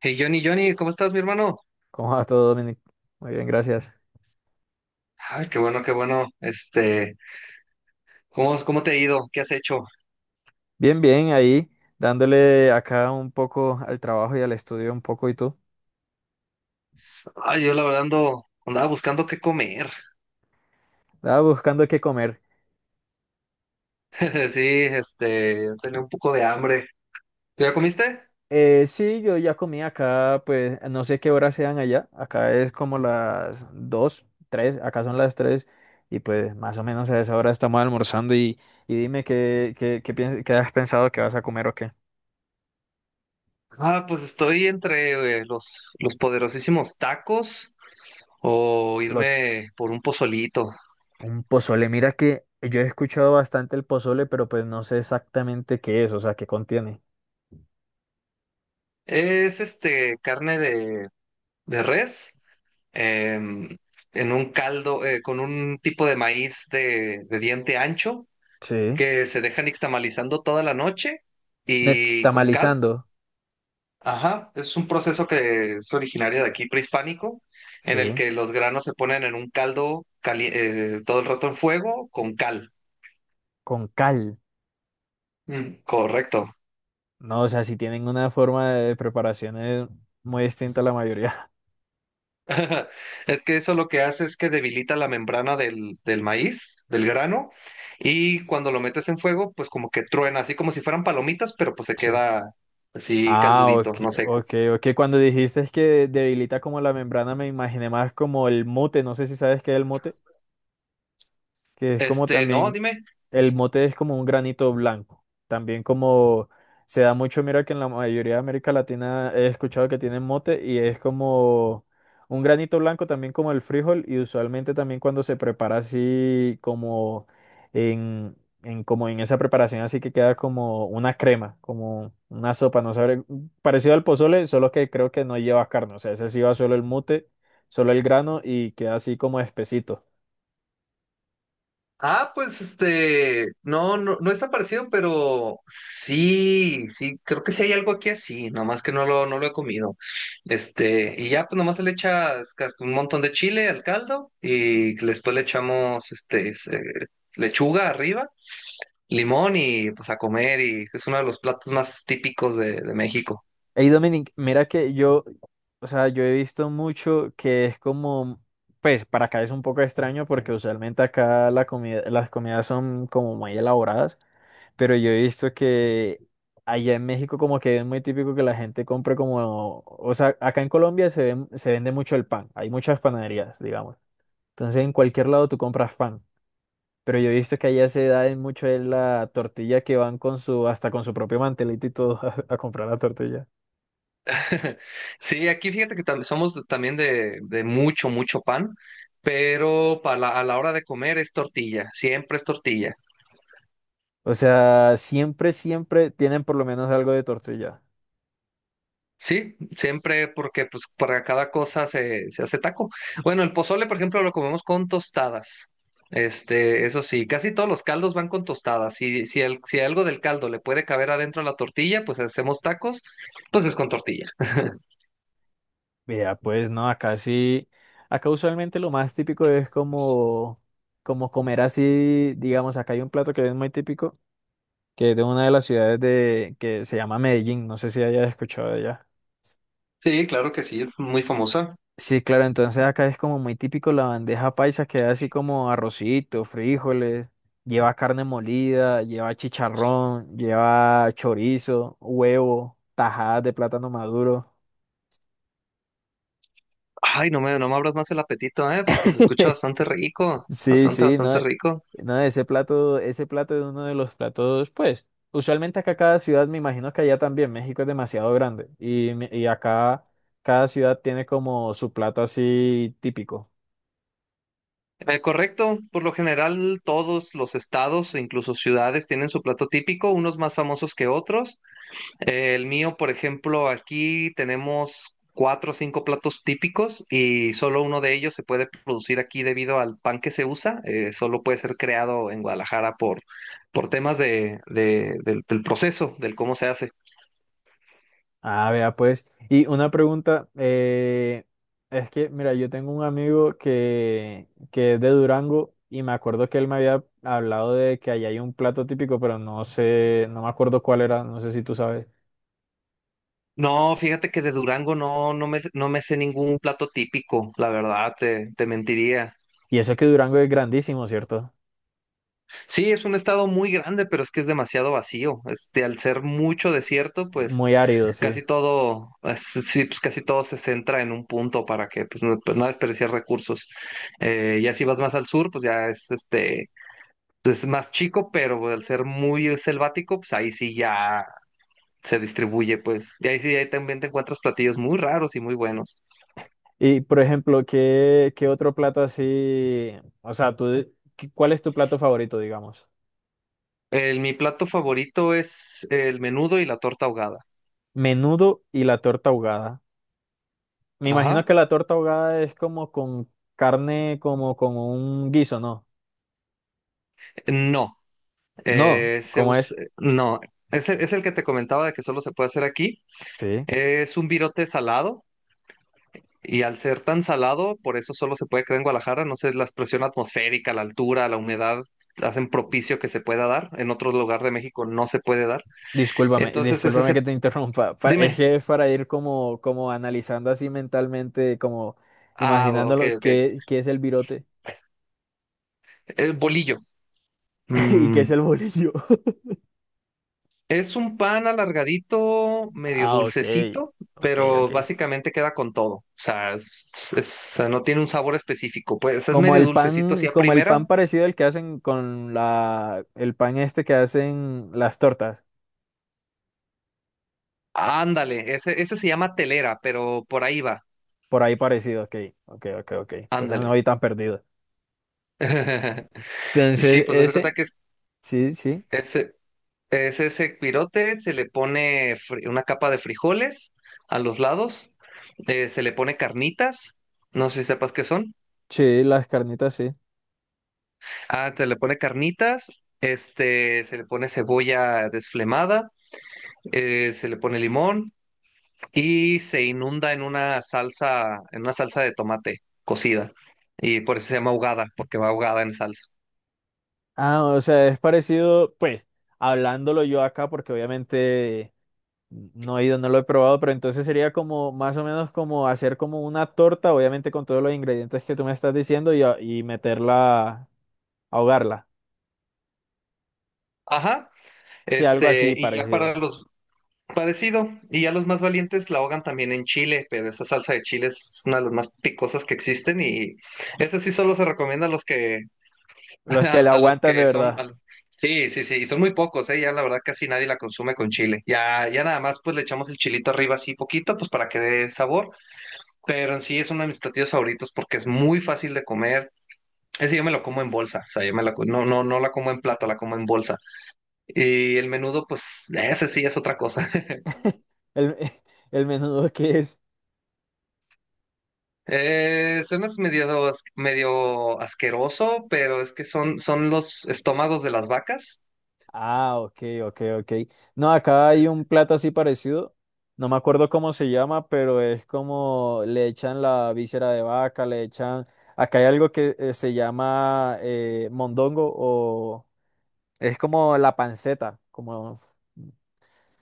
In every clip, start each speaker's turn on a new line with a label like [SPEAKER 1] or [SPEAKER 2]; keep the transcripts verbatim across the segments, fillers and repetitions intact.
[SPEAKER 1] Hey Johnny, Johnny, ¿cómo estás, mi hermano?
[SPEAKER 2] ¿Cómo va todo, Dominic? Muy bien, gracias.
[SPEAKER 1] Ay, qué bueno, qué bueno. Este, ¿cómo, cómo te ha ido? ¿Qué has hecho?
[SPEAKER 2] Bien, bien, ahí dándole acá un poco al trabajo y al estudio un poco y tú.
[SPEAKER 1] Ay, yo la verdad ando, andaba buscando qué comer.
[SPEAKER 2] Estaba buscando qué comer.
[SPEAKER 1] Sí, este, tenía un poco de hambre. ¿Tú ya comiste?
[SPEAKER 2] Eh, sí, yo ya comí acá, pues no sé qué horas sean allá. Acá es como las dos, tres. Acá son las tres y pues más o menos a esa hora estamos almorzando y, y dime qué, qué, qué, piens- qué has pensado que vas a comer o qué.
[SPEAKER 1] Ah, pues estoy entre eh, los, los poderosísimos tacos o
[SPEAKER 2] Lo,
[SPEAKER 1] irme por un pozolito.
[SPEAKER 2] un pozole, mira que yo he escuchado bastante el pozole, pero pues no sé exactamente qué es, o sea, qué contiene.
[SPEAKER 1] Es este carne de, de res em, en un caldo eh, con un tipo de maíz de, de diente ancho
[SPEAKER 2] Sí.
[SPEAKER 1] que se dejan nixtamalizando toda la noche y con cal.
[SPEAKER 2] Nixtamalizando,
[SPEAKER 1] Ajá, es un proceso que es originario de aquí, prehispánico,
[SPEAKER 2] sí,
[SPEAKER 1] en el que los granos se ponen en un caldo cali- eh, todo el rato en fuego con cal.
[SPEAKER 2] con cal.
[SPEAKER 1] Mm, correcto.
[SPEAKER 2] No, o sea, si tienen una forma de preparación eh, muy distinta a la mayoría.
[SPEAKER 1] Es que eso lo que hace es que debilita la membrana del, del maíz, del grano, y cuando lo metes en fuego, pues como que truena, así como si fueran palomitas, pero pues se
[SPEAKER 2] Sí.
[SPEAKER 1] queda así
[SPEAKER 2] Ah,
[SPEAKER 1] caldudito,
[SPEAKER 2] ok,
[SPEAKER 1] no seco.
[SPEAKER 2] ok, ok. Cuando dijiste es que debilita como la membrana, me imaginé más como el mote. No sé si sabes qué es el mote. Que es como
[SPEAKER 1] Este, no,
[SPEAKER 2] también,
[SPEAKER 1] dime.
[SPEAKER 2] el mote es como un granito blanco, también como se da mucho, mira que en la mayoría de América Latina he escuchado que tienen mote y es como un granito blanco también como el frijol y usualmente también cuando se prepara así como en, en como en esa preparación así que queda como una crema, como una sopa, no sabré, parecido al pozole, solo que creo que no lleva carne, o sea, ese sí va solo el mote, solo el grano y queda así como espesito.
[SPEAKER 1] Ah, pues este, no, no, no es tan parecido, pero sí, sí, creo que sí hay algo aquí así, nomás que no lo, no lo he comido. Este, y ya, pues nomás se le echas cas- un montón de chile al caldo y después le echamos, este, se- lechuga arriba, limón y pues a comer y es uno de los platos más típicos de, de México.
[SPEAKER 2] Hey Dominic, mira que yo, o sea, yo he visto mucho que es como, pues para acá es un poco extraño porque usualmente acá la comida, las comidas son como muy elaboradas, pero yo he visto que allá en México como que es muy típico que la gente compre como, o sea, acá en Colombia se ven- se vende mucho el pan, hay muchas panaderías, digamos. Entonces en cualquier lado tú compras pan, pero yo he visto que allá se da en mucho en la tortilla que van con su, hasta con su propio mantelito y todo a, a comprar la tortilla.
[SPEAKER 1] Sí, aquí fíjate que tam- somos también de, de mucho, mucho pan, pero para la- a la hora de comer es tortilla, siempre es tortilla.
[SPEAKER 2] O sea, siempre, siempre tienen por lo menos algo de tortilla.
[SPEAKER 1] Sí, siempre porque pues para cada cosa se, se hace taco. Bueno, el pozole, por ejemplo, lo comemos con tostadas. Este, eso sí, casi todos los caldos van con tostadas. Si, si, el- si algo del caldo le puede caber adentro a la tortilla, pues hacemos tacos, pues es con tortilla.
[SPEAKER 2] Vea, pues no, acá sí, acá usualmente lo más típico es como, como comer así, digamos, acá hay un plato que es muy típico, que es de una de las ciudades de, que se llama Medellín, no sé si hayas escuchado de allá.
[SPEAKER 1] Sí, claro que sí, es muy famosa.
[SPEAKER 2] Sí, claro, entonces acá es como muy típico la bandeja paisa, que es así como arrocito, frijoles, lleva carne molida, lleva chicharrón, lleva chorizo, huevo, tajadas de plátano maduro.
[SPEAKER 1] Ay, no me, no me abras más el apetito, ¿eh? Porque se escucha bastante rico,
[SPEAKER 2] Sí,
[SPEAKER 1] bastante,
[SPEAKER 2] sí,
[SPEAKER 1] bastante
[SPEAKER 2] no,
[SPEAKER 1] rico.
[SPEAKER 2] no, ese plato, ese plato es uno de los platos, pues, usualmente acá cada ciudad, me imagino que allá también, México es demasiado grande y, me- y acá cada ciudad tiene como su plato así típico.
[SPEAKER 1] Eh, correcto, por lo general todos los estados, e incluso ciudades, tienen su plato típico, unos más famosos que otros. Eh, el mío, por ejemplo, aquí tenemos cuatro o cinco platos típicos y solo uno de ellos se puede producir aquí debido al pan que se usa. Eh, solo puede ser creado en Guadalajara por, por temas de, de- del del proceso, del cómo se hace.
[SPEAKER 2] Ah, vea, pues, y una pregunta, eh, es que, mira, yo tengo un amigo que, que es de Durango y me acuerdo que él me había hablado de que allá hay un plato típico, pero no sé, no me acuerdo cuál era, no sé si tú sabes.
[SPEAKER 1] No, fíjate que de Durango no, no me, no me sé ningún plato típico, la verdad, te, te mentiría.
[SPEAKER 2] Y eso que Durango es grandísimo, ¿cierto?
[SPEAKER 1] Sí, es un estado muy grande, pero es que es demasiado vacío. Este, al ser mucho desierto, pues
[SPEAKER 2] Muy árido,
[SPEAKER 1] casi
[SPEAKER 2] sí.
[SPEAKER 1] todo, es- sí, pues casi todo se centra en un punto para que pues no, pues, no desperdiciar recursos. Eh, ya si vas más al sur, pues ya es este, pues, es más chico, pero al ser muy selvático, pues ahí sí ya se distribuye, pues. Y ahí sí, ahí también te encuentras platillos muy raros y muy buenos.
[SPEAKER 2] Y por ejemplo, ¿qué, qué otro plato así? O sea, tú, de- ¿qué- ¿cuál es tu plato favorito, digamos?
[SPEAKER 1] El, mi plato favorito es el menudo y la torta ahogada.
[SPEAKER 2] Menudo y la torta ahogada. Me imagino
[SPEAKER 1] Ajá.
[SPEAKER 2] que la torta ahogada es como con carne, como con un guiso, ¿no?
[SPEAKER 1] No,
[SPEAKER 2] No,
[SPEAKER 1] eh, se
[SPEAKER 2] ¿cómo
[SPEAKER 1] us-
[SPEAKER 2] es?
[SPEAKER 1] no, es el, es el que te comentaba de que solo se puede hacer aquí.
[SPEAKER 2] Sí.
[SPEAKER 1] Es un virote salado y al ser tan salado, por eso solo se puede crear en Guadalajara. No sé, la presión atmosférica, la altura, la humedad hacen propicio que se pueda dar. En otro lugar de México no se puede dar.
[SPEAKER 2] Discúlpame,
[SPEAKER 1] Entonces es
[SPEAKER 2] discúlpame
[SPEAKER 1] ese,
[SPEAKER 2] que te interrumpa. Pa- Es
[SPEAKER 1] dime.
[SPEAKER 2] que es para ir como, como analizando así mentalmente, como
[SPEAKER 1] Ah, ok,
[SPEAKER 2] imaginándolo,
[SPEAKER 1] ok.
[SPEAKER 2] qué, qué es el virote
[SPEAKER 1] El bolillo.
[SPEAKER 2] y qué es
[SPEAKER 1] Mm.
[SPEAKER 2] el bolillo.
[SPEAKER 1] Es un pan alargadito, medio
[SPEAKER 2] Ah, ok,
[SPEAKER 1] dulcecito,
[SPEAKER 2] ok,
[SPEAKER 1] pero
[SPEAKER 2] ok.
[SPEAKER 1] básicamente queda con todo. O sea, es- es- o sea, no tiene un sabor específico. Pues es
[SPEAKER 2] Como
[SPEAKER 1] medio
[SPEAKER 2] el
[SPEAKER 1] dulcecito así
[SPEAKER 2] pan,
[SPEAKER 1] a
[SPEAKER 2] como el pan
[SPEAKER 1] primera.
[SPEAKER 2] parecido al que hacen con la, el pan este que hacen las tortas.
[SPEAKER 1] Ándale, ese, ese se llama telera, pero por ahí va.
[SPEAKER 2] Por ahí parecido, ok, ok, ok, ok. Entonces no
[SPEAKER 1] Ándale.
[SPEAKER 2] voy tan perdido.
[SPEAKER 1] Sí,
[SPEAKER 2] Entonces,
[SPEAKER 1] pues das
[SPEAKER 2] ese,
[SPEAKER 1] cuenta que es
[SPEAKER 2] sí, sí.
[SPEAKER 1] ese, es ese pirote, se le pone fri- una capa de frijoles a los lados, eh, se le pone carnitas, no sé si sepas qué son.
[SPEAKER 2] Sí, las carnitas sí.
[SPEAKER 1] Ah, se le pone carnitas, este, se le pone cebolla desflemada, eh, se le pone limón y se inunda en una salsa, en una salsa de tomate cocida. Y por eso se llama ahogada, porque va ahogada en salsa.
[SPEAKER 2] Ah, o sea, es parecido, pues, hablándolo yo acá, porque obviamente no he ido, no lo he probado, pero entonces sería como, más o menos como hacer como una torta, obviamente con todos los ingredientes que tú me estás diciendo y, a- y meterla, ahogarla.
[SPEAKER 1] Ajá,
[SPEAKER 2] Sí, algo
[SPEAKER 1] este,
[SPEAKER 2] así
[SPEAKER 1] y ya
[SPEAKER 2] parecido.
[SPEAKER 1] para los parecido, y ya los más valientes la ahogan también en chile, pero esa salsa de chile es una de las más picosas que existen y esa sí solo se recomienda a los que
[SPEAKER 2] Los
[SPEAKER 1] A,
[SPEAKER 2] que la
[SPEAKER 1] a los
[SPEAKER 2] aguantan de
[SPEAKER 1] que son,
[SPEAKER 2] verdad.
[SPEAKER 1] a sí, sí, sí, y son muy pocos, ¿eh? Ya la verdad casi nadie la consume con chile. Ya, ya nada más pues le echamos el chilito arriba así poquito, pues para que dé sabor, pero en sí es uno de mis platillos favoritos porque es muy fácil de comer. Ese yo me lo como en bolsa, o sea, yo me la, co- no, no, no la como en plato, la como en bolsa. Y el menudo, pues, ese sí es otra cosa.
[SPEAKER 2] El, el menudo que es.
[SPEAKER 1] Eh, suena medio, as- medio asqueroso, pero es que son, son los estómagos de las vacas.
[SPEAKER 2] Ah, ok, ok, ok. No, acá hay un plato así parecido. No me acuerdo cómo se llama, pero es como le echan la víscera de vaca, le echan. Acá hay algo que eh, se llama eh, mondongo o es como la panceta, como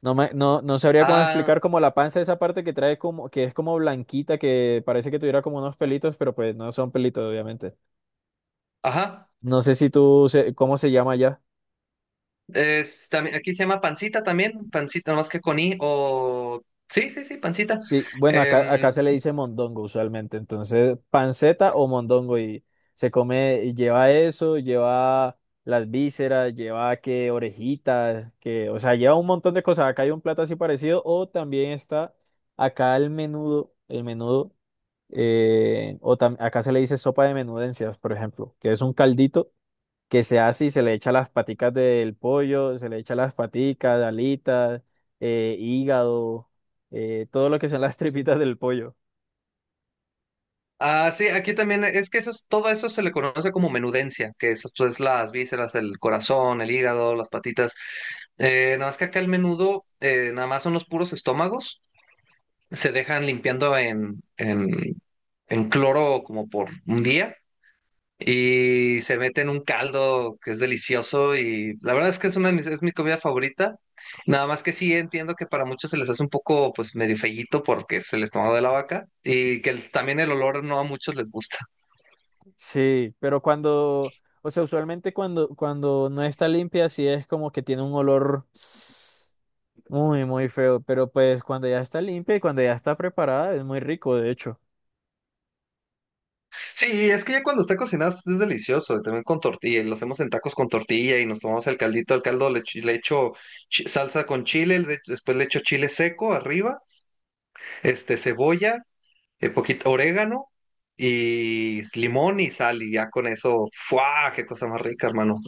[SPEAKER 2] no me, no, no sabría cómo
[SPEAKER 1] Ah,
[SPEAKER 2] explicar como la panza, esa parte que trae como, que es como blanquita, que parece que tuviera como unos pelitos, pero pues no son pelitos, obviamente.
[SPEAKER 1] ajá.
[SPEAKER 2] No sé si tú, se- ¿cómo se llama allá?
[SPEAKER 1] Es, también, aquí se llama pancita también, pancita, más que con i o... Sí, sí, sí, pancita.
[SPEAKER 2] Sí, bueno, acá, acá
[SPEAKER 1] Em,
[SPEAKER 2] se le dice mondongo usualmente, entonces panceta o mondongo y se come, y lleva eso, lleva las vísceras, lleva que orejitas, que, o sea, lleva un montón de cosas. Acá hay un plato así parecido o también está acá el menudo, el menudo, eh, o tam- acá se le dice sopa de menudencias, por ejemplo, que es un caldito que se hace y se le echa las paticas del pollo, se le echa las paticas, alitas, eh, hígado, eh, todo lo que son las tripitas del pollo.
[SPEAKER 1] ah, sí, aquí también es que eso es- todo eso se le conoce como menudencia, que eso es pues, las vísceras, el corazón, el hígado, las patitas. Eh, nada más que acá el menudo, eh, nada más son los puros estómagos, se dejan limpiando en, en, en cloro como por un día y se mete en un caldo que es delicioso y la verdad es que es una de mis, es mi comida favorita. Nada más que sí entiendo que para muchos se les hace un poco pues medio fellito porque es el estómago de la vaca y que el- también el olor no a muchos les gusta.
[SPEAKER 2] Sí, pero cuando, o sea, usualmente cuando, cuando no está limpia, sí es como que tiene un olor muy, muy feo, pero pues cuando ya está limpia y cuando ya está preparada, es muy rico, de hecho.
[SPEAKER 1] Sí, es que ya cuando está cocinado es delicioso, y también con tortilla, y lo hacemos en tacos con tortilla y nos tomamos el caldito, el caldo le, echo le echo chi- salsa con chile, le- después le echo chile seco arriba, este cebolla eh, poquito orégano y limón y sal, y ya con eso, ¡fua! ¡Qué cosa más rica, hermano!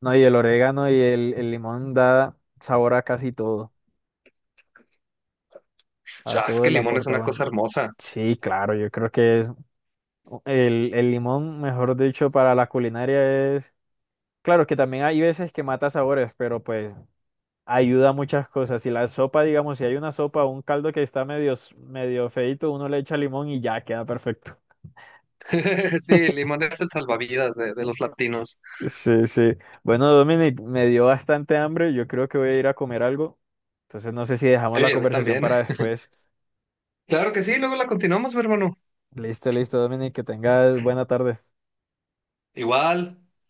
[SPEAKER 2] No, y el orégano y el, el limón da sabor a casi todo, a
[SPEAKER 1] Ya, es
[SPEAKER 2] todo
[SPEAKER 1] que el
[SPEAKER 2] el
[SPEAKER 1] limón es
[SPEAKER 2] aporta.
[SPEAKER 1] una cosa hermosa.
[SPEAKER 2] Sí, claro, yo creo que es El, el limón, mejor dicho, para la culinaria es... Claro que también hay veces que mata sabores, pero pues ayuda a muchas cosas. Si la sopa, digamos, si hay una sopa o un caldo que está medio, s- medio feíto, uno le echa limón y ya queda perfecto.
[SPEAKER 1] Sí, el limón es el salvavidas de, de los latinos.
[SPEAKER 2] Sí, sí. Bueno, Dominic, me dio bastante hambre. Yo creo que voy a ir a comer algo. Entonces no sé si dejamos la
[SPEAKER 1] Eh, a mí
[SPEAKER 2] conversación
[SPEAKER 1] también.
[SPEAKER 2] para después.
[SPEAKER 1] Claro que sí, luego la continuamos, mi hermano.
[SPEAKER 2] Listo, listo, Dominic, que tengas buena tarde.
[SPEAKER 1] Igual.